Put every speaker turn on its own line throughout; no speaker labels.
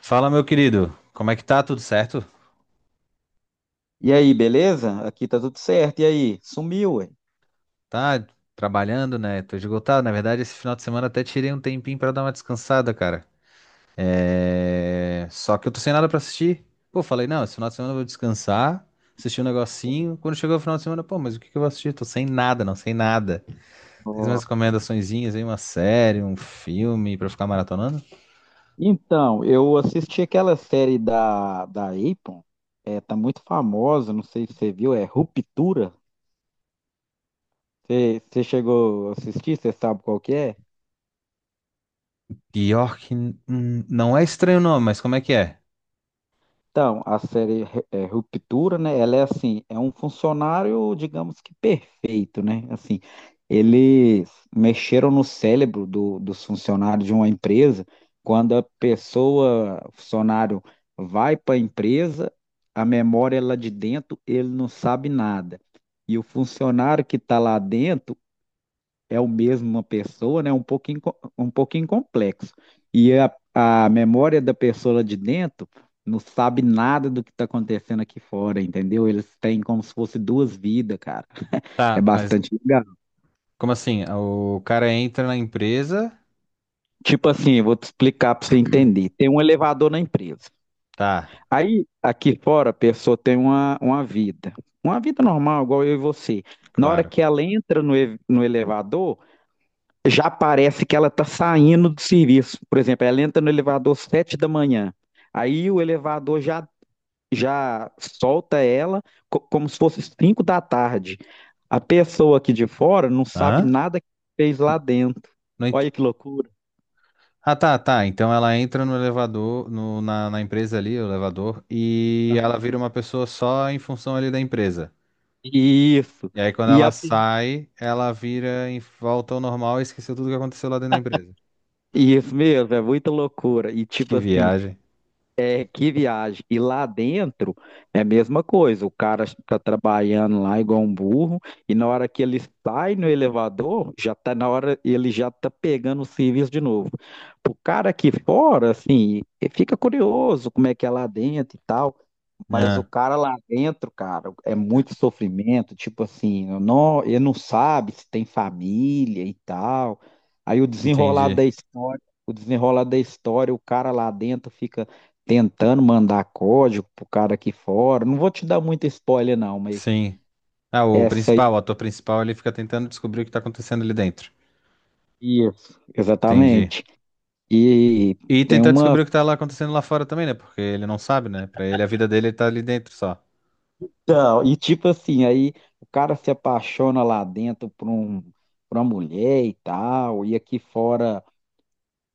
Fala, meu querido. Como é que tá? Tudo certo?
E aí, beleza? Aqui tá tudo certo. E aí? Sumiu, ué.
Tá trabalhando, né? Tô esgotado. Na verdade, esse final de semana até tirei um tempinho pra dar uma descansada, cara. É... só que eu tô sem nada pra assistir. Pô, falei, não, esse final de semana eu vou descansar, assistir um negocinho. Quando chegou o final de semana, pô, mas o que que eu vou assistir? Tô sem nada, não, sem nada. Tem
Ó,
umas recomendaçõezinhas aí, uma série, um filme pra ficar maratonando?
então, eu assisti aquela série da Apple, tá muito famosa, não sei se você viu, é Ruptura. Você chegou a assistir, você sabe qual que é?
Pior que... não é estranho o nome, mas como é que é?
Então, a série Ruptura, né? Ela é assim, é um funcionário, digamos que perfeito, né? Assim, eles mexeram no cérebro dos funcionários de uma empresa. Quando a pessoa, o funcionário, vai para a empresa, a memória é lá de dentro, ele não sabe nada. E o funcionário que está lá dentro é o mesmo uma pessoa, né? Um pouquinho, um pouquinho complexo. E a memória da pessoa lá de dentro não sabe nada do que está acontecendo aqui fora, entendeu? Eles têm como se fosse duas vidas, cara. É
Tá, mas
bastante legal.
como assim? O cara entra na empresa...
Tipo assim, eu vou te explicar para você entender. Tem um elevador na empresa.
Tá.
Aí, aqui fora, a pessoa tem uma vida. Uma vida normal, igual eu e você. Na hora
Claro.
que ela entra no elevador, já parece que ela está saindo do serviço. Por exemplo, ela entra no elevador às 7 da manhã. Aí o elevador já solta ela como se fosse 5 da tarde. A pessoa aqui de fora não sabe
Hã?
nada que fez lá dentro.
Não ent-
Olha que loucura.
Ah, tá, tá. Então ela entra no elevador, na empresa ali, o elevador, e ela
Aham.
vira uma pessoa só em função ali da empresa.
Isso.
E aí quando
E
ela sai, ela vira em volta ao normal e esqueceu tudo que aconteceu lá dentro da empresa.
isso mesmo, é muita loucura. E
Que
tipo assim,
viagem.
véi, que viagem. E lá dentro é a mesma coisa. O cara tá trabalhando lá igual um burro, e na hora que ele sai no elevador, já tá na hora, ele já tá pegando o serviço de novo. O cara aqui fora, assim, fica curioso como é que é lá dentro e tal. Mas o
Ah,
cara lá dentro, cara, é muito sofrimento, tipo assim, eu não, ele não sabe se tem família e tal. Aí o desenrolar
entendi.
da história, o desenrolar da história, o cara lá dentro fica tentando mandar código pro cara aqui fora. Não vou te dar muito spoiler não, mas
Sim. Ah, o
essa
principal,
aí,
o ator principal, ele fica tentando descobrir o que tá acontecendo ali dentro.
isso,
Entendi.
exatamente. E
E
tem
tentar
uma,
descobrir o que tá lá acontecendo lá fora também, né? Porque ele não sabe, né? Pra ele, a vida dele tá ali dentro só.
e tipo assim, aí o cara se apaixona lá dentro por uma mulher e tal, e aqui fora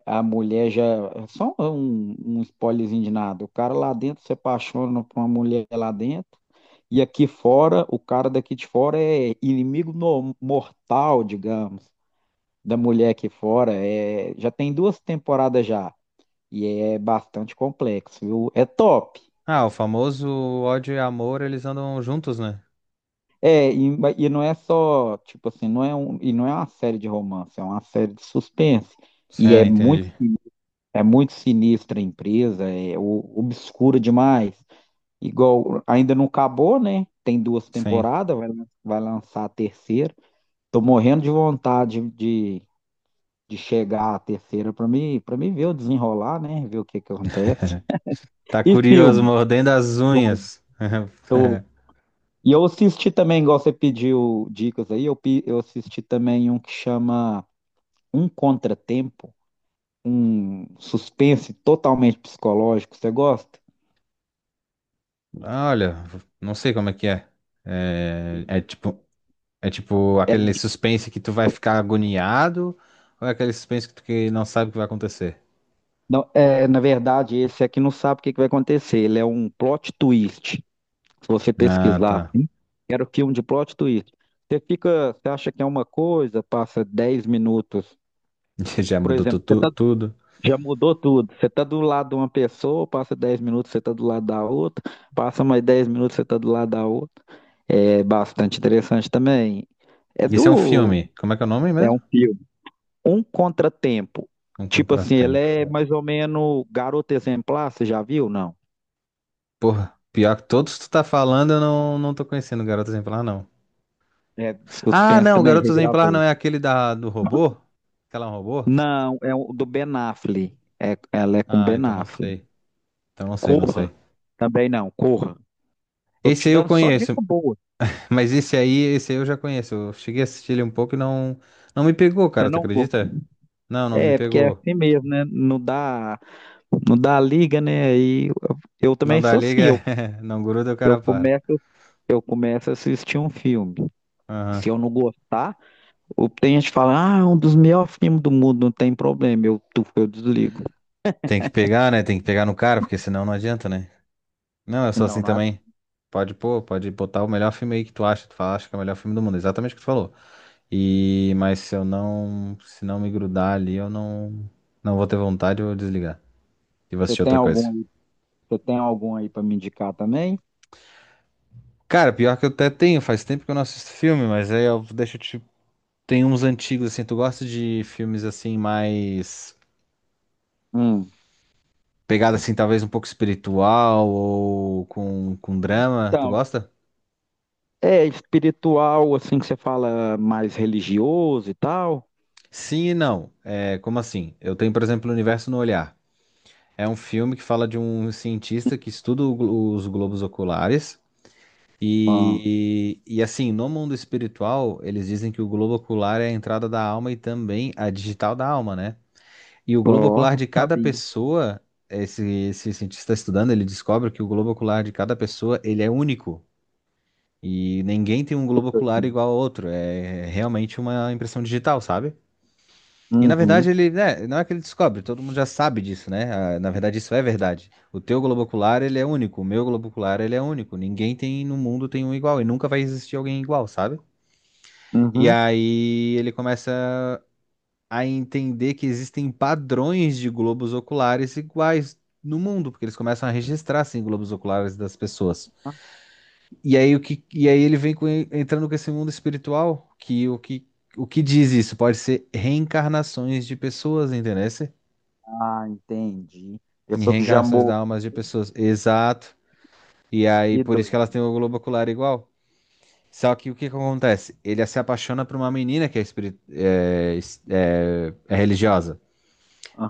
a mulher já. Só um spoilerzinho de nada. O cara lá dentro se apaixona por uma mulher lá dentro. E aqui fora, o cara daqui de fora é inimigo mortal, digamos, da mulher aqui fora. É, já tem duas temporadas já. E é bastante complexo, viu? É top.
Ah, o famoso ódio e amor, eles andam juntos, né?
É, e não é só, tipo assim, e não é uma série de romance, é uma série de suspense.
Sim,
E é
ah, entendi.
é muito sinistra a empresa, é obscura demais. Igual, ainda não acabou, né? Tem duas
Sim.
temporadas, vai lançar a terceira. Tô morrendo de vontade de chegar à terceira para mim ver o desenrolar, né? Ver o que que acontece.
Tá
E
curioso,
filme?
mordendo as
Tô-
unhas.
tô- E eu assisti também, igual você pediu dicas aí, eu assisti também um que chama Um Contratempo, um suspense totalmente psicológico. Você gosta?
Olha, não sei como é que é. É, é tipo, é tipo
Ela-
aquele
é,
suspense que tu vai ficar agoniado, ou é aquele suspense que tu que não sabe o que vai acontecer?
não, é, na verdade, esse aqui não sabe o que que vai acontecer. Ele é um plot twist. Se você
Ah,
pesquisar
tá.
assim, era o filme de plot twist. Você fica, você acha que é uma coisa, passa 10 minutos.
Já
Por
mudou
exemplo, você tá,
tudo.
já mudou tudo. Você tá do lado de uma pessoa, passa 10 minutos, você tá do lado da outra, passa mais 10 minutos, você tá do lado da outra. É bastante interessante também. É
Isso é um
do,
filme. Como é que é o nome
é
mesmo?
um filme. Um contratempo.
Um
Tipo assim, ele
Contratempo.
é mais ou menos Garota Exemplar, você já viu? Não.
Porra, pior que todos que tu tá falando, eu não, não tô conhecendo Garota Exemplar, não.
É de
Ah,
suspense
não, o
também,
Garoto Exemplar não
regravou.
é aquele do robô? Aquela é um robô?
Não, é o do Ben Affleck. É, ela é com
Ah,
Ben
então não
Affleck.
sei. Então não sei, não sei.
Corra. Também não, corra. Tô te
Esse aí eu
dando só dica
conheço,
boa.
mas esse aí eu já conheço. Eu cheguei a assistir ele um pouco e não me pegou,
Você
cara, tu
não... go-
acredita? Não, não me
É, porque é
pegou.
assim mesmo, né? Não dá liga, né? Eu
Não
também
dá
sou assim.
liga, não gruda, o
Eu
cara para.
começo, eu começo a assistir um filme.
Aham.
Se eu não gostar, tem gente que fala, ah, é um dos melhores filmes do mundo, não tem problema. Eu desligo.
Tem que pegar, né? Tem que pegar no cara, porque senão não adianta, né? Não, eu sou
Não,
assim
não. Há.
também. Pode pôr, pode botar o melhor filme aí que tu acha, tu fala, acha que é o melhor filme do mundo. Exatamente o que tu falou. E mas se não me grudar ali, eu não não vou ter vontade, eu vou desligar e vou
Você
assistir
tem
outra
algum
coisa.
aí? Você tem algum aí para me indicar também?
Cara, pior que eu até tenho, faz tempo que eu não assisto filme, mas aí eu deixa tipo tem uns antigos assim, tu gosta de filmes assim mais
Hum,
pegada assim, talvez um pouco espiritual ou com drama, tu
então,
gosta?
é espiritual, assim que você fala, mais religioso e tal?
Sim e não. É, como assim? Eu tenho, por exemplo, O Universo no Olhar. É um filme que fala de um cientista que estuda os globos oculares.
Ó,
E assim, no mundo espiritual, eles dizem que o globo ocular é a entrada da alma e também a digital da alma, né? E o globo ocular
ó,
de cada
sabia.
pessoa, esse, esse cientista estudando, ele descobre que o globo ocular de cada pessoa, ele é único. E ninguém tem um globo ocular igual ao outro. É realmente uma impressão digital, sabe? E na verdade
Uhum,
ele, né, não é que ele descobre, todo mundo já sabe disso, né? Ah, na verdade isso é verdade. O teu globo ocular, ele é único, o meu globo ocular, ele é único. Ninguém tem no mundo tem um igual e nunca vai existir alguém igual, sabe? E
uhum.
aí ele começa a entender que existem padrões de globos oculares iguais no mundo, porque eles começam a registrar assim globos oculares das pessoas. E aí o que e aí ele entrando com esse mundo espiritual, que o que diz isso pode ser reencarnações de pessoas, entendeu?
Ah, entendi.
Em
Pessoa que já
reencarnações da
morreu,
almas de pessoas. Exato. E aí,
que
por isso que elas
doido.
têm o globo ocular igual. Só que o que que acontece? Ele se apaixona por uma menina que é, é religiosa.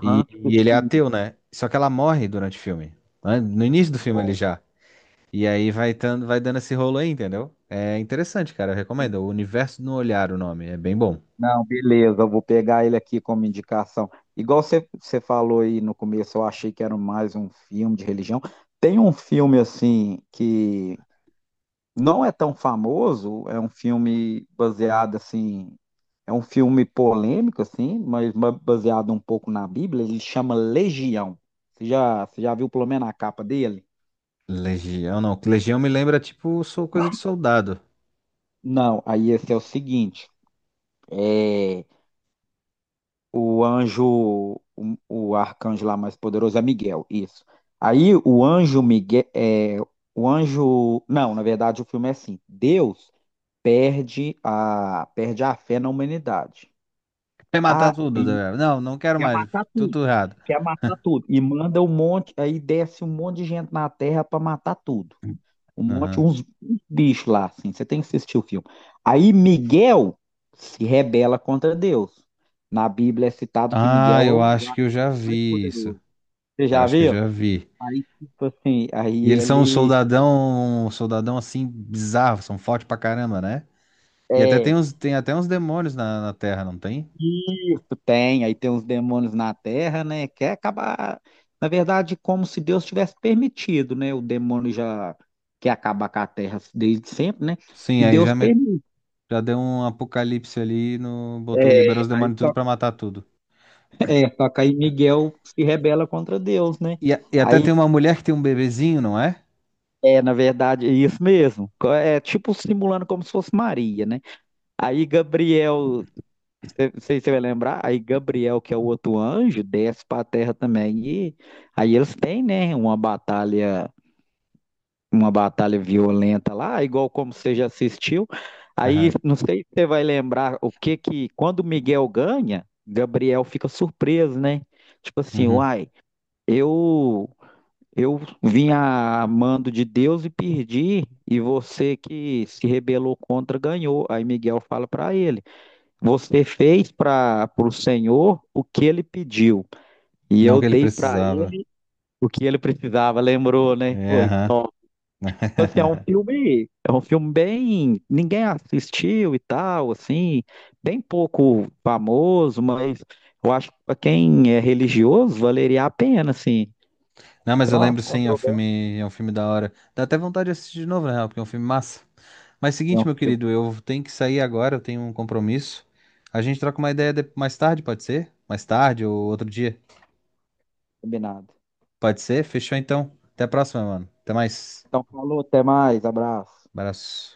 tipo
E ele é ateu,
espírito.
né? Só que ela morre durante o filme. Né? No início do filme ele
Igual,
já. E aí vai, tando, vai dando esse rolo aí, entendeu? É interessante, cara. Eu recomendo. O
entendi.
Universo no Olhar, o nome. É bem bom.
Não, beleza, eu vou pegar ele aqui como indicação. Igual você falou aí no começo, eu achei que era mais um filme de religião. Tem um filme assim que não é tão famoso, é um filme baseado assim, é um filme polêmico assim, mas baseado um pouco na Bíblia, ele chama Legião. Você já viu pelo menos a capa dele?
Legião, não. Legião me lembra, tipo, sou coisa de soldado.
Não, aí esse é o seguinte, é o anjo, o arcanjo lá mais poderoso é Miguel, isso. Aí o anjo Miguel, é, o anjo, não, na verdade o filme é assim, Deus perde a fé na humanidade.
Quer matar
Ah,
tudo, né? Não, não quero
quer
mais.
matar tudo,
Tudo errado.
quer matar tudo. E manda um monte, aí desce um monte de gente na Terra pra matar tudo. Um monte,
Aham.
uns bichos lá, assim. Você tem que assistir o filme. Aí Miguel se rebela contra Deus. Na Bíblia é citado que
Ah,
Miguel é
eu
o
acho que eu já
arcanjo mais
vi isso.
poderoso. Você
Eu
já
acho que eu
viu?
já vi.
Aí, tipo assim, aí
E eles são
ele.
um soldadão assim bizarro, são fortes pra caramba, né? E até tem
É,
uns, tem até uns demônios na Terra, não tem?
isso, tem. Aí tem uns demônios na Terra, né? Quer acabar. Na verdade, como se Deus tivesse permitido, né? O demônio já quer acabar com a Terra desde sempre, né?
Sim,
E
aí
Deus
já,
permite.
já deu um apocalipse ali, no,
É,
botou, liberou os
aí
demônios tudo
só,
pra matar tudo.
só que aí Miguel se rebela contra Deus, né?
E, e até
Aí,
tem uma mulher que tem um bebezinho, não é?
é, na verdade, é isso mesmo. É tipo simulando como se fosse Maria, né? Aí Gabriel Não sei se você vai lembrar, aí Gabriel, que é o outro anjo, desce para a terra também. E aí eles têm, né, uma batalha violenta lá, igual como você já assistiu. Aí
Aham.
não sei se você vai lembrar o que que quando Miguel ganha, Gabriel fica surpreso, né? Tipo assim,
Uhum.
uai, eu eu vim a mando de Deus e perdi, e você que se rebelou contra ganhou. Aí Miguel fala para ele. Você fez para o Senhor o que ele pediu, e
Não
eu
que ele
dei para
precisava.
ele o que ele precisava, lembrou, né?
É,
Foi
aham.
top. Tipo assim, é um filme bem, ninguém assistiu e tal, assim, bem pouco famoso, mas eu acho que para quem é religioso valeria a pena, assim.
Não, mas eu
Então, é uma
lembro sim,
controvérsia,
é um filme da hora. Dá até vontade de assistir de novo, na real, porque é um filme massa. Mas
é um
seguinte, meu querido,
filme
eu tenho que sair agora, eu tenho um compromisso. A gente troca uma ideia mais tarde, pode ser? Mais tarde ou outro dia.
combinado.
Pode ser? Fechou então. Até a próxima, mano. Até mais.
Então, falou, até mais, abraço.
Abraço.